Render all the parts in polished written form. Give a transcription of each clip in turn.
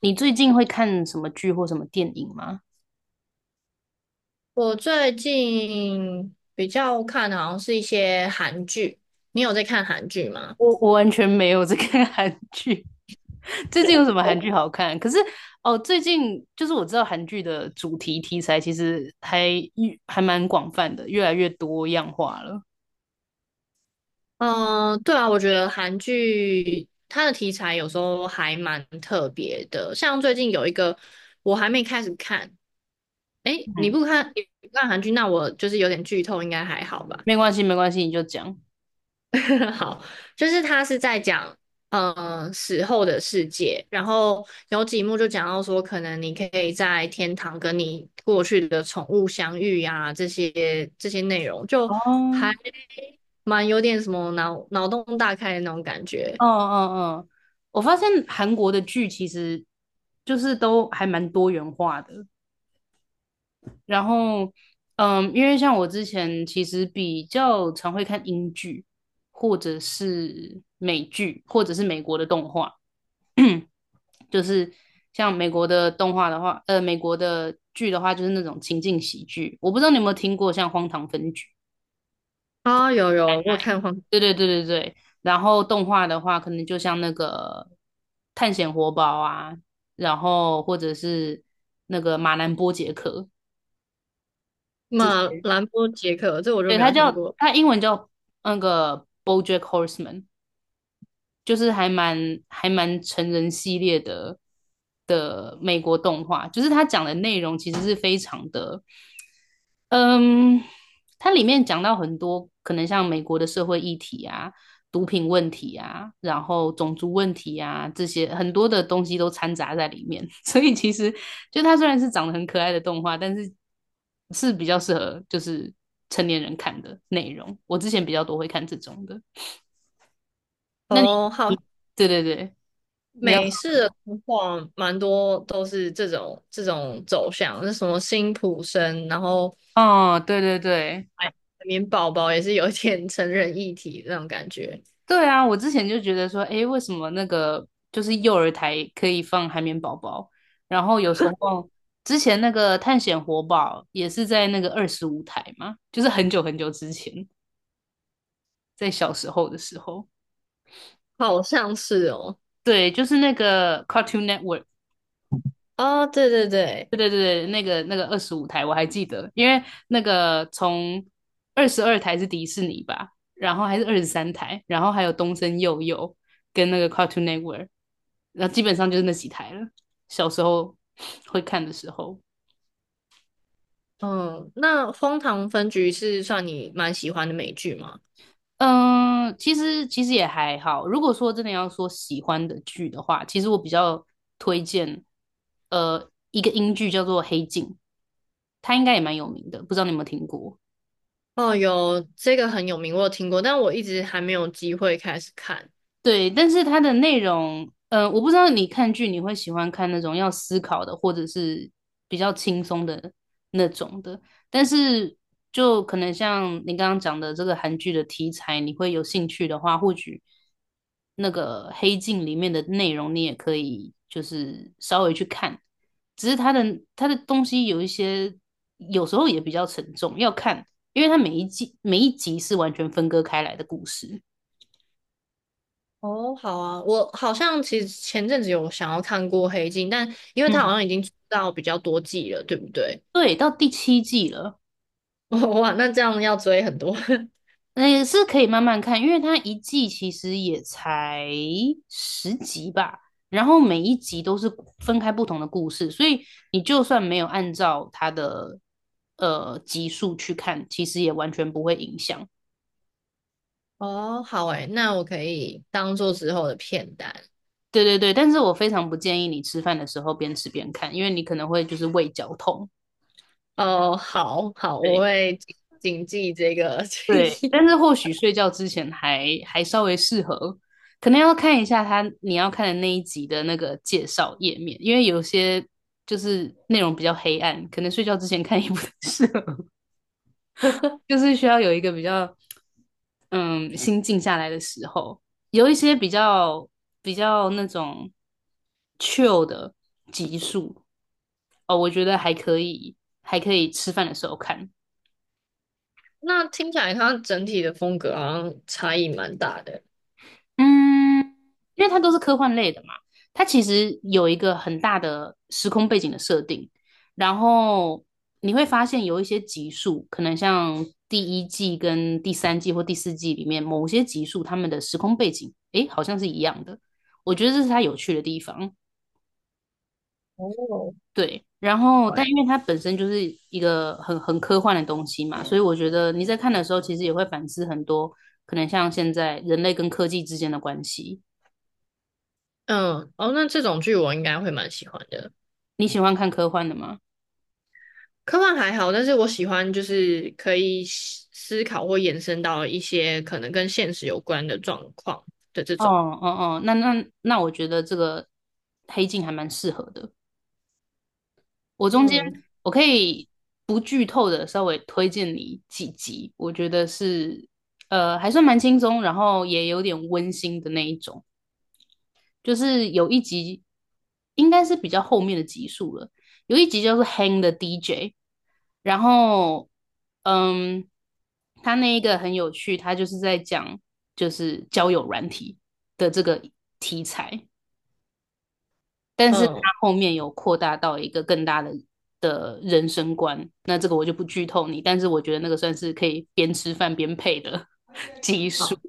你最近会看什么剧或什么电影吗？我最近比较看的好像是一些韩剧，你有在看韩剧吗？我完全没有在看 韩剧，最近有什么韩剧好看？可是哦，最近就是我知道韩剧的主题题材其实还蛮广泛的，越来越多样化了。嗯，对啊，我觉得韩剧它的题材有时候还蛮特别的，像最近有一个我还没开始看，诶，你嗯，不看你不看韩剧，那我就是有点剧透，应该还好吧？没关系，没关系，你就讲。好，就是他是在讲，嗯，死后的世界，然后有几幕就讲到说，可能你可以在天堂跟你过去的宠物相遇呀、这些内容就哦，还嗯蛮有点什么脑洞大开的那种感觉嗯嗯，我发现韩国的剧其实就是都还蛮多元化的，然后，嗯，因为像我之前其实比较常会看英剧，或者是美剧，或者是美国的动画，就是像美国的动画的话，美国的剧的话，就是那种情境喜剧。我不知道你有没有听过像《荒唐分局》？啊，有有，我有看黄对对对对对。然后动画的话，可能就像那个《探险活宝》啊，然后或者是那个《马南波杰克》，马兰波杰克，这我就对，没他有听叫过他英文叫那个 BoJack Horseman,就是还蛮成人系列的美国动画，就是他讲的内容其实是非常的嗯，它里面讲到很多可能像美国的社会议题啊、毒品问题啊，然后种族问题啊，这些很多的东西都掺杂在里面。所以其实就它虽然是长得很可爱的动画，但是是比较适合就是成年人看的内容。我之前比较多会看这种的。那你，哦，好。你对对对，你要美式的童话蛮多都是这种走向，那什么辛普森，然后哦，对对对，海绵宝宝也是有点成人议题那种感觉，对啊，我之前就觉得说，诶，为什么那个就是幼儿台可以放海绵宝宝，然后有时候之前那个探险活宝也是在那个二十五台嘛，就是很久很久之前，在小时候的时候，好像是哦。对，就是那个 Cartoon Network 哦，对对对，对对对，那个二十五台我还记得，因为那个从22台是迪士尼吧，然后还是23台，然后还有东森幼幼跟那个 Cartoon Network,然后基本上就是那几台了。小时候会看的时候，嗯，那《荒唐分局》是算你蛮喜欢的美剧吗？嗯，其实也还好。如果说真的要说喜欢的剧的话，其实我比较推荐一个英剧叫做《黑镜》，它应该也蛮有名的，不知道你有没有听过。哦，有这个很有名，我有听过，但我一直还没有机会开始看。对，但是它的内容，嗯，我不知道你看剧你会喜欢看那种要思考的，或者是比较轻松的那种的。但是就可能像你刚刚讲的这个韩剧的题材，你会有兴趣的话，或许那个《黑镜》里面的内容你也可以就是稍微去看，只是它的东西有一些有时候也比较沉重，要看，因为它每一季每一集是完全分割开来的故事。哦，好啊，我好像其实前阵子有想要看过《黑镜》，但因为它好嗯。像已经出到比较多季了，对不对？对，到第7季了，哇，那这样要追很多。那也是可以慢慢看，因为它一季其实也才10集吧，然后每一集都是分开不同的故事，所以你就算没有按照它的集数去看，其实也完全不会影响。哦，好诶，那我可以当做之后的片单。对对对，但是我非常不建议你吃饭的时候边吃边看，因为你可能会就是胃绞痛。哦，好好，我对。会谨记这个 建对，但议。是或许睡觉之前还稍微适合，可能要看一下你要看的那一集的那个介绍页面，因为有些就是内容比较黑暗，可能睡觉之前看也不太适合，就是需要有一个比较嗯心静下来的时候，有一些比较那种 chill 的集数哦，我觉得还可以，还可以吃饭的时候看，那听起来它整体的风格好像差异蛮大的。嗯，因为它都是科幻类的嘛，它其实有一个很大的时空背景的设定，然后你会发现有一些集数，可能像第1季跟第3季或第4季里面某些集数，他们的时空背景，诶，好像是一样的，我觉得这是它有趣的地方。哦，对，然后但对，因为它本身就是一个很科幻的东西嘛，所以我觉得你在看的时候，其实也会反思很多，可能像现在人类跟科技之间的关系。嗯，哦，那这种剧我应该会蛮喜欢的。你喜欢看科幻的吗？科幻还好，但是我喜欢就是可以思考或延伸到一些可能跟现实有关的状况的这哦种。哦哦，那，我觉得这个《黑镜》还蛮适合的。我中间嗯我可以不剧透的稍微推荐你几集，我觉得是还算蛮轻松，然后也有点温馨的那一种。就是有一集应该是比较后面的集数了，有一集叫做《Hang the DJ》,然后嗯，他那一个很有趣，他就是在讲就是交友软体的这个题材，但是他嗯，后面有扩大到一个更大的。的人生观，那这个我就不剧透你，但是我觉得那个算是可以边吃饭边配的好，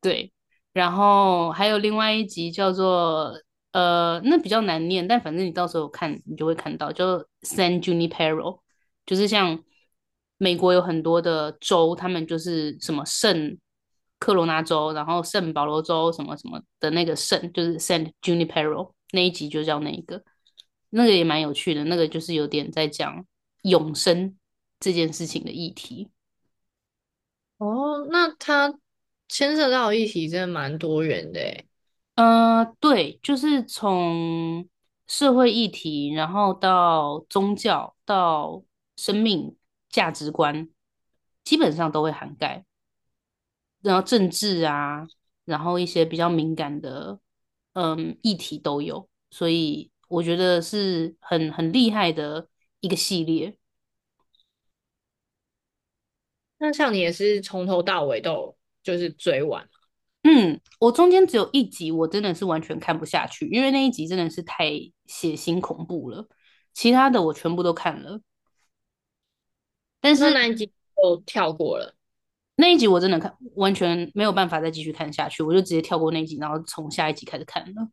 对，然后还有另外一集叫做那比较难念，但反正你到时候看你就会看到，叫 San Junipero,就是像美国有很多的州，他们就是什么圣科罗纳州，然后圣保罗州什么什么的那个圣，就是 San Junipero 那一集就叫那一个，那个也蛮有趣的，那个就是有点在讲永生这件事情的议题。哦，那它牵涉到的议题真的蛮多元的诶。对，就是从社会议题，然后到宗教，到生命价值观，基本上都会涵盖。然后政治啊，然后一些比较敏感的，嗯，议题都有。所以我觉得是很厉害的一个系列。那像你也是从头到尾都有就是追完。嗯，我中间只有一集，我真的是完全看不下去，因为那一集真的是太血腥恐怖了。其他的我全部都看了，但是。那那一集就跳过了。那一集我真的看完全没有办法再继续看下去，我就直接跳过那一集，然后从下一集开始看了。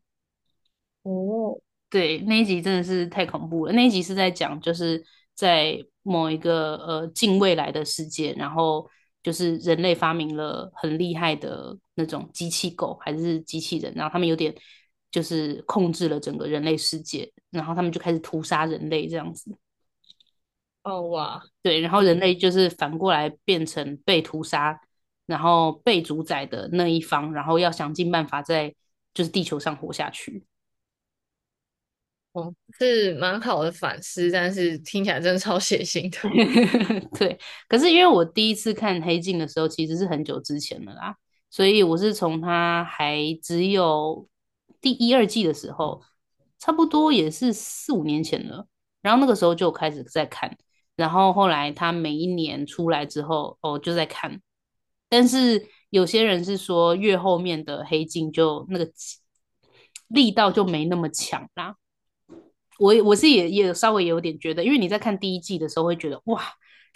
哦，对，那一集真的是太恐怖了。那一集是在讲就是在某一个近未来的世界，然后就是人类发明了很厉害的那种机器狗还是机器人，然后他们有点就是控制了整个人类世界，然后他们就开始屠杀人类这样子。哦哇，对，然后人嗯，类就是反过来变成被屠杀，然后被主宰的那一方，然后要想尽办法在就是地球上活下去。哦，是蛮好的反思，但是听起来真的超血腥的。对，可是因为我第一次看《黑镜》的时候，其实是很久之前的啦，所以我是从它还只有第1、2季的时候，差不多也是4、5年前了。然后那个时候就开始在看，然后后来它每一年出来之后，哦，就在看。但是有些人是说，越后面的《黑镜》就那个力道就没那么强啦。我是也稍微有点觉得，因为你在看第一季的时候会觉得哇，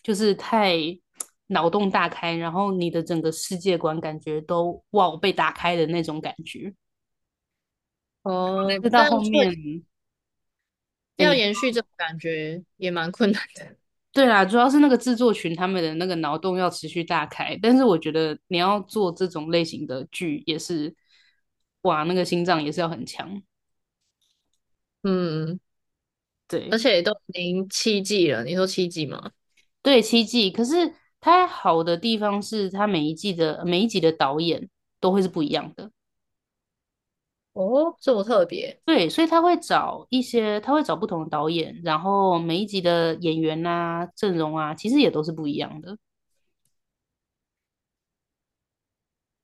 就是太脑洞大开，然后你的整个世界观感觉都哇被打开的那种感觉。但哦，是到但后确面，哎，要你延续这种感觉也蛮困难的。对啦，主要是那个制作群他们的那个脑洞要持续大开。但是我觉得你要做这种类型的剧也是，哇，那个心脏也是要很强。嗯，而对且都已经七季了，你说七季吗？对，七季，可是它好的地方是它每一季的每一集的导演都会是不一样的。哦，这么特别。对，所以他会找一些，他会找不同的导演，然后每一集的演员啊、阵容啊，其实也都是不一样的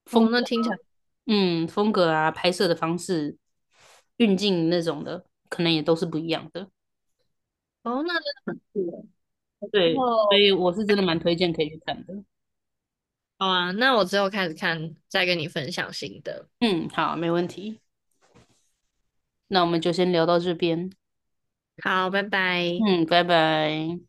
风哦，格，那听起来，嗯，风格啊、拍摄的方式、运镜那种的，可能也都是不一样的。哦，那真的很酷耶。然对，所后，以我是真的蛮推荐可以去看的。好啊，那我之后开始看，再跟你分享新的。嗯，好，没问题，那我们就先聊到这边。好，拜拜。嗯，拜拜。